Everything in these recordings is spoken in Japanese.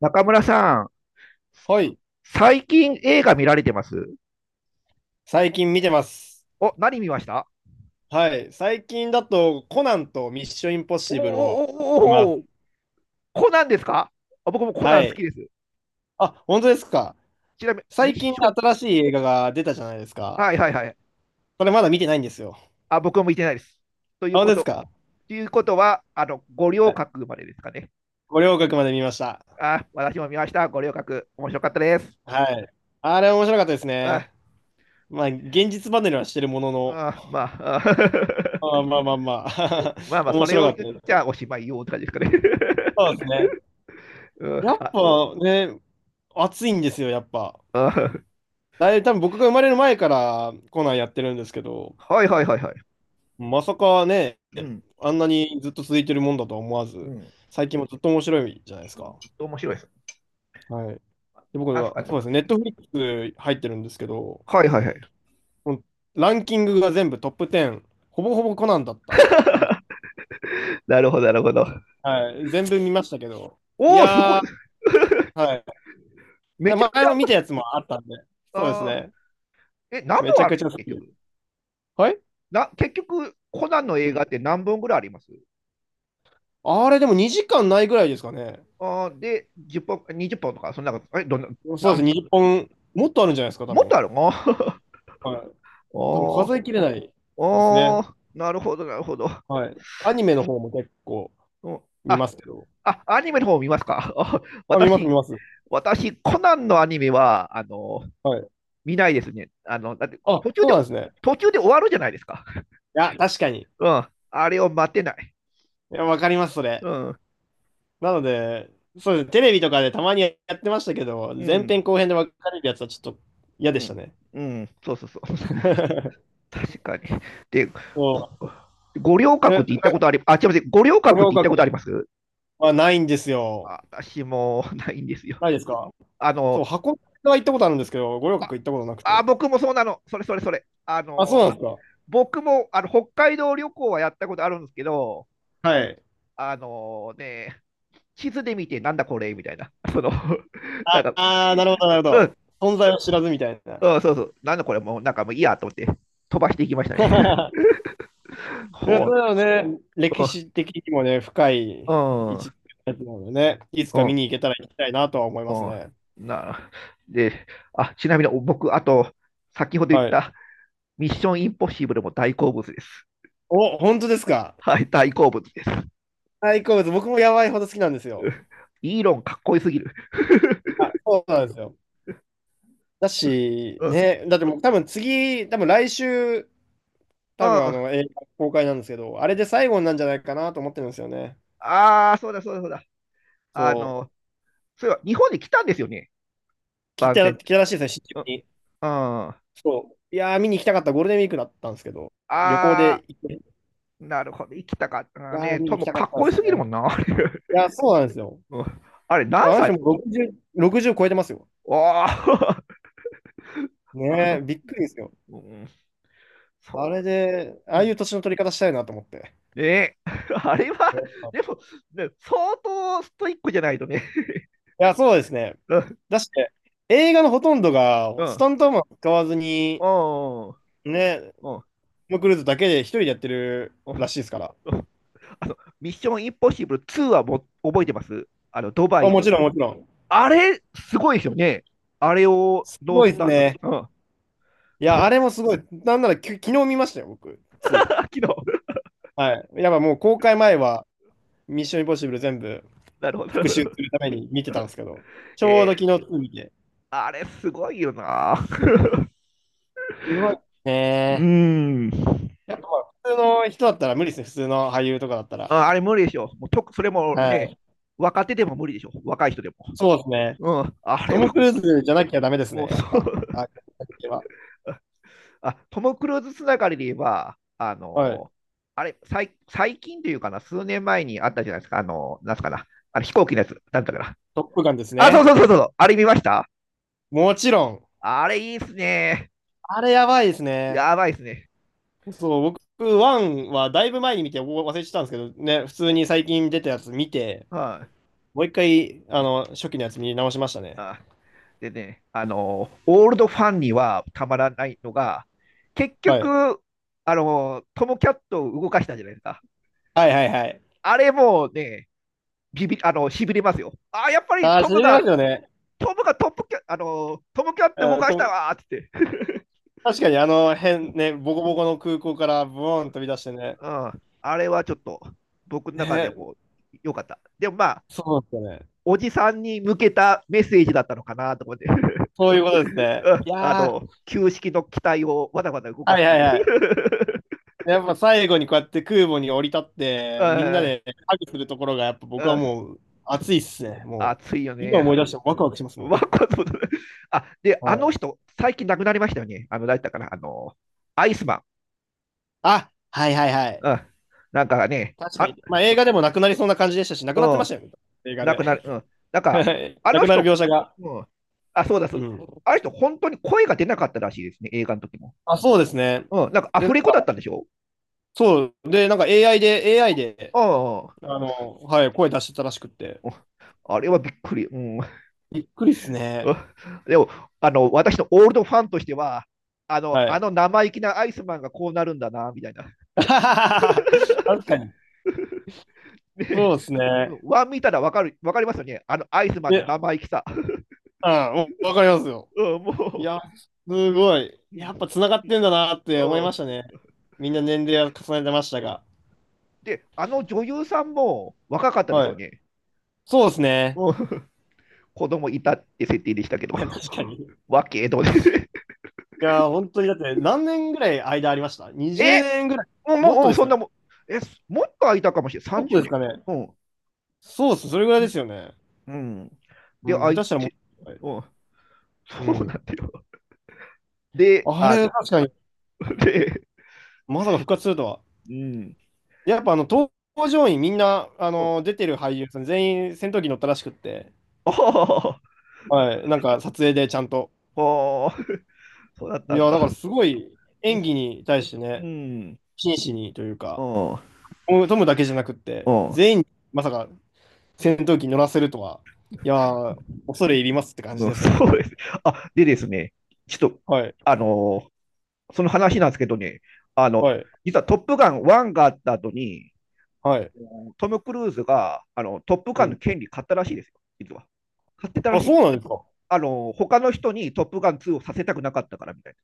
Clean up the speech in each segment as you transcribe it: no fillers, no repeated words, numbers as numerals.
中村さん、はい。最近映画見られてます？最近見てます。お、何見ました？はい。最近だと、コナンとミッションインポッおーシブルをおー見まおーおーおー。す。コナンですか？あ、僕もコナはン好きい。です。あ、本当ですか。ちなみに、ミ最ッ近ション、新しい映画が出たじゃないですか。はいはいはい。これまだ見てないんですよ。あ、僕も見てないです。といあ、う本こ当ですと、か。ということは、五は稜い。郭までですかね。五稜郭まで見ました。あ、私も見ました。五稜郭、面白かったです。はい。あれ面白かったですあ、ね。まあ、現実離れはしてるものの、あまあ、あ まあまあまあまあ、まあ まあ、そ面れ白をかった言っでちす。ゃおしまいよって感じですかね。そうですね。うん、やっあ、ぱね、熱いんですよ、やっぱ。あ、だいぶ多分僕が生まれる前からコナンやってるんですけど、はいはいはいはい。まさかね、うん、あんなにずっと続いてるもんだとは思わうず、ん、最近もずっと面白いじゃないですか。ずっと面白いです。はい。で、僕なんすは、かそうでね。すね、ネットフリックス入ってるんですけど、はいはいはい。もうランキングが全部トップ10、ほぼほぼコナンだった。みなるほど、なるほど。はい。全部見ましたけど。いおお、すごやい。ー、はい。めでちゃめち前ゃあもり見またやす。つもあったんで、そうですあね。ーえ、何めち本ゃあるんくですちゃか、好結きです。局？はい。な結局、コナンのう映画ん。って何本ぐらいあります？あれ、でも2時間ないぐらいですかね。あーで、10本、20本とか、そんなこと。え、どんな、そうでなすんね、20本、もっとあるんじゃないですか、多もっ分。とあるの？ は い。多分おー、数えきれないですおね。ー、なるほど、なるほど。はい。アニメの方も結構うん、見まあ、すけど。あ、アニメの方見ますか？あ あ、見ます、見私、ます。私、コナンのアニメは、はい。見ないですね。あの、だって、あ、途中そうで、なんですね。途中で終わるじゃないですか。いや、確かに。いうん。あれを待てない。や、わかります、そうれ。ん。なので、そうです。テレビとかでたまにやってましたけど、う前ん。編後編で分かれるやつはちょっと嫌うでしたん。ね。うん。そうそうそう。確かに。で、こそ五稜う。え、郭なっんて行ったか、ことあり、あ、違います。五稜五郭っ稜て行ったことあり郭ます？はないんですよ。あ、私もないんですよ。ないですか？あその、う、箱根は行ったことあるんですけど、五稜郭行ったことなくあ、あて。僕もそうなの。それそれそれ。ああ、そうの、なんです僕もあの北海道旅行はやったことあるんですけど、か？はい。あのね、地図で見て、なんだこれみたいな。その、なんあか、あー、なるほど、なるほど。存在を知らずみたいな。うん、そうそう、なんだこれもう、なんかもういいやと思って、飛ばしていきましたね。いや、ほそう、うだよね。歴う史的にもね、深ん、い位う置ん、なのでね、いつうか見ん。に行けたら行きたいなとは思いうますね。ん、な、で、あ、ちなみに僕、あと、先ほど言っはい。たミッションインポッシブルも大好物です。お、本当ですか。はい、大好物です。大好物、僕もやばいほど好きなんですうよ。ん、イーロンかっこよすぎる。あ、そうなんですよ。だし、うん。うん。ね、だってもう多分次、多分来週、多分ああの映画公開なんですけど、あれで最後になんじゃないかなと思ってるんですよね。あ、そうだそうだそうだ。あそう、の、そういえば日本に来たんですよね、番聞宣。いたらしいですね、新宿うん。うん、に。あ、そう。いやー、見に行きたかった、ゴールデンウィークだったんですけど、旅行あ、で行って、いなるほど、生きたかったなやー、ね。見にと行きもたかかっったんこでよすすぎるもね。んな、あれ。いやー、そうなんですよ。うん、あれあ何の人歳？も60、60超えてますよ。わあ、あねえ、の、びっくりですよ。うん、あれそで、う。あうあいん、う年の取り方したいなと思って。ねえ あれは、うん。でも、ね、相当ストイックじゃないとね。いや、そうですね。うん、だして、映画のほとんどが、うスん、タントマン使わずに、うん、うん。ね、トム・クルーズだけで一人でやってるらしいですから。うん、あの、ミッションインポッシブル2はも覚えてます？あの、ドバあ、イもちの。ろん、もちろん。あれ、すごいですよね。あれをすノごーいスですタントね。で。うん。いや、あれ もすごい。なんなら、昨日見ましたよ、僕、2。昨日。はい。やっぱもう公開前は、ミッション・インポッシブル全部 なるほど、な復る習すほど。るために見てたんですけど、ちえょうどー、昨日2見て。あれ、すごいよな。すごいうね。ーん。やっぱ普通の人だったら無理ですね、普通の俳優とかだったら。ああれ、無理でしょ。もうとそれもはね、い。若手でも無理でしょ。若い人でも。そうですね。うん。あトれム・は、クルーズじゃなきゃダメですもう、ね、やっそぱ。う。あ、は。あ、トム・クルーズつながりで言えば、はい。あれ、最最近というかな、数年前にあったじゃないですか、あの、なんすかな、あれ飛行機のやつ、なんだったかな。トップガンですあ、そうね。そうそうそう、あれ見ました？もちろん。あれいいっすね。あれやばいですね。やばいっすね。そう、僕、ワンはだいぶ前に見てお忘れてたんですけど、ね、普通に最近出たやつ見て、はい、もう一回、あの、初期のやつ見直しましたね。あ。でね、あの、オールドファンにはたまらないのが、結はい。局、あの、トム・キャットを動かしたじゃないですか。はいはいはい。あれもうね、ビビあの、しびれますよ。あ、やっぱりあー、トしムびれまが、すよね。トムがトップキャ、あの、トム・キャット動うん、かしたわーっつって。確かにあの辺ね、ボコうボん、コの空港からブーン飛び出してね。あれはちょっと僕の中でね、こう良かった。でもまあ、そうなんですよね。おじさんに向けたメッセージだったのかなと思って そういうことですね。いあやー、の、旧式の機体をわざわざ動かはすいとはいいう。はい。やっぱ最後にこうやって空母に降り立っ て、みんなうでハグするところが、やっぱん、僕うはん、もう熱いっすね。もう、熱いよ今ね。 思い出してもワクワクしま すもわん。かあ、で、はあのい。人、最近亡くなりましたよね。あの、誰だったかな、あの、アイスマン。あ、はいはいはい。うん、なんかね、確かあ、に。まあ映画でもなくなりそうな感じでしたし、なくうなってましん、たよね。映画なで。くなる。うん。なんか、あなのくなる人、描写が。うん。あ、そうだ、そううだ。ん。あの人、本当に声が出なかったらしいですね、映画の時も。あ、そうですね。うん。なんか、アで、フレなんコか、だったんでしょ？そう。で、なんか AI で、あああ。あの、はい、声出してたらしくって。れはびっくり。うん。びっくりっすね。でも、私のオールドファンとしては、あの、はあい。の生意気なアイスマンがこうなるんだな、みたいな。確かで、うん、そうですね。ワン見たらわかる、わかりますよね。あのアイスマンのえ、生意気さ。あ、わわかりますよ。うん、いもや、すごい。う、うやっん、ぱ繋がってんだなっうて思いましたん、ね。みんな年齢は重ねてましたうん。が。で、あの女優さんも若かったですはよい。ね。そうですね。うん、子供いたって設定でしたけど、確かに。い わけど、ね、や、本当にだって何年ぐらい間ありました ?20 え、年ぐらい。もっもう、とうん、ですそかんね。なもん、え、もっと空いたかもしれない、もっと30ですかね。年。うん。そうです。それぐらいですよね。うん。うで、ん、空下い手したらもって、と。はい。うん、うそうなん。んだよ。で、ああれ、の、確かに、で、まさか復活するとは。うん。やっぱあの、搭乗員みんな、あうん、の、出てる俳優さん全員戦闘機乗ったらしくって。ああ、はい、なんか撮影でちゃんと。そうだったいんや、だだ。からすごいうん、演技に対してね、うん、真摯にというか、うトムだけじゃなくって、ん、全員にまさか戦闘機乗らせるとは、いやー、恐れ入りますって感じうんですよね、そほんうと。です。あ、でですね、ちょっと、はい、あのーその話なんですけどね、あはの、い、実はトップガン1があった後に、はい。トム・クルーズがあのトップうガンのん。権利買ったらしいですよ、実は。買ってたらあ、しい。そうなんですか。あの他の人にトップガン2をさせたくなかったからみたい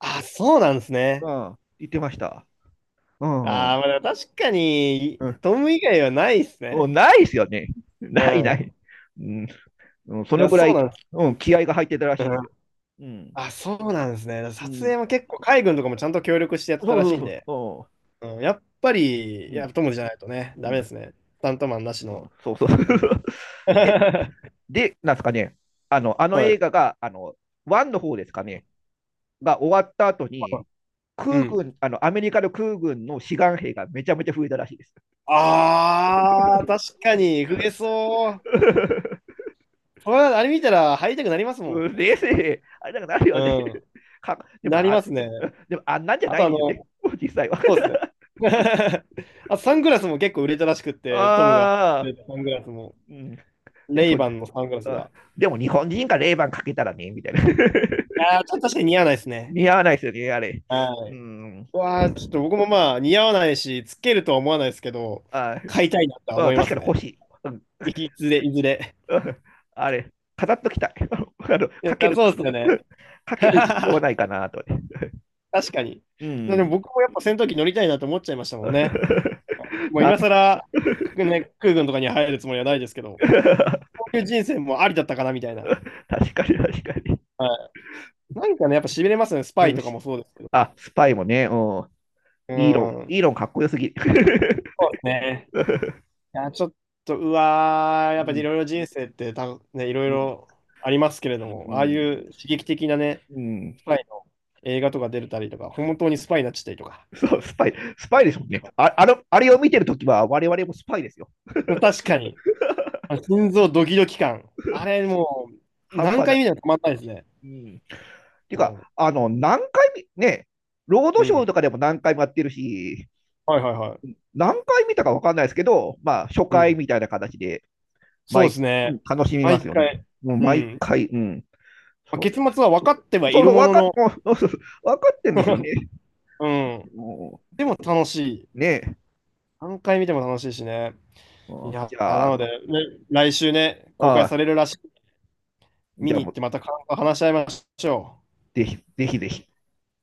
あ、そうなんですなね。うん。な。言ってました。うん、うん。あー、まあ、確かに、うん、トム以外はないですもうね。ないですよね。うないなん。い、うん。うんそいのや、ぐらそうい、なんです。うん、気合が入ってたらうしいですん。よ。うん。あ、そうなんですね。う撮ん、影も結構、海軍とかもちゃんと協力してやっそてたうらそしういんそうで。そうん、やっぱう。り、うやっん。ぱ友達じゃないとね、うダメでん。すね。スタントマンなしうの。ん、そうそう。で、はで、なんですかね。あの、あの映い。画が、1の方ですかね。が終わった後に、う空ん。軍、あの、アメリカの空軍の志願兵がめちゃめちゃ増えたらしいです。ああ、確かに、増えそう。これはあれ見たら入りたくなりますもうん、ん。冷静、あれなんかなるよね。う かん。でもなりまあ、すね。でもあんなんじゃあなといあでしょうね。の、実際は。そう ですね。あ、サングラスも結構売れたらしくって、トムが、ああ、サングラスも、うん、でレイも、バンのサングラスあ、が。でも日本人がレイバンかけたらね、みたいな。ああ、ちょっと確かに似合わないですね。似合わないですよね、あれ。はうい。ん、わあ、ちょっと僕もまあ似合わないし、つけるとは思わないですけど、あ買いたいなとはあ、思いま確かすに欲ね。しい。うん、いずれ、いずれ。うん、あれ、飾っときたい。あの、いかけや、る、そうですよね。かける必要はな いかなと。確かに。うでもん。僕もやっぱ戦闘機乗りたいなと思っちゃいましたもんね。もうなん 今 更、ね、空軍とかに入るつもりはないですけど、こういう人生もありだったかなみたいな。確かに確かに。はい。なんかね、やっぱ痺れますね。スパうイんとかもし、そうですけど。あ、スパイもね、うん。うイーロン、イーん。ロンかっこよすぎ。そうですね。いや、ちょっと、うわー、やうっぱりいん。ろいろ人生ってた、ね、いろいうん。ろありますけれども、うああいん。う刺激的なね、うん。スパイの映画とか出れたりとか、本当にスパイになっちゃったりとか。そう、スパイ、スパイですもんね。あ、あの、あれを見てるときは我々もスパイですよ。確かに、あ、心臓ドキドキ感。あれ、もう、半何端な回い。見てもたまんないですね。うん。てうか、ん。あの、何回見、ね、ロードうショーん。とかでも何回もやってるし、はいはいはい。何回見たかわかんないですけど、まあ、初う回ん。みたいな形でそう毎、ですうん、ね。楽しみま毎すよね。回。もうう毎ん。回、うん。まあ、そう結末は分かってはいそうるそう、も分のかっ、の、もうそうそうそう分かってんですよ ね。うん。もでも楽しい。うねえ。何回見ても楽しいしね。ういんや、じなゃあ、ので、ね。来週ね、公あ開さあ、れるらしい。じ見ゃあに行もっう、てまた感想話し合いましょう。ぜひ、ぜひぜひ。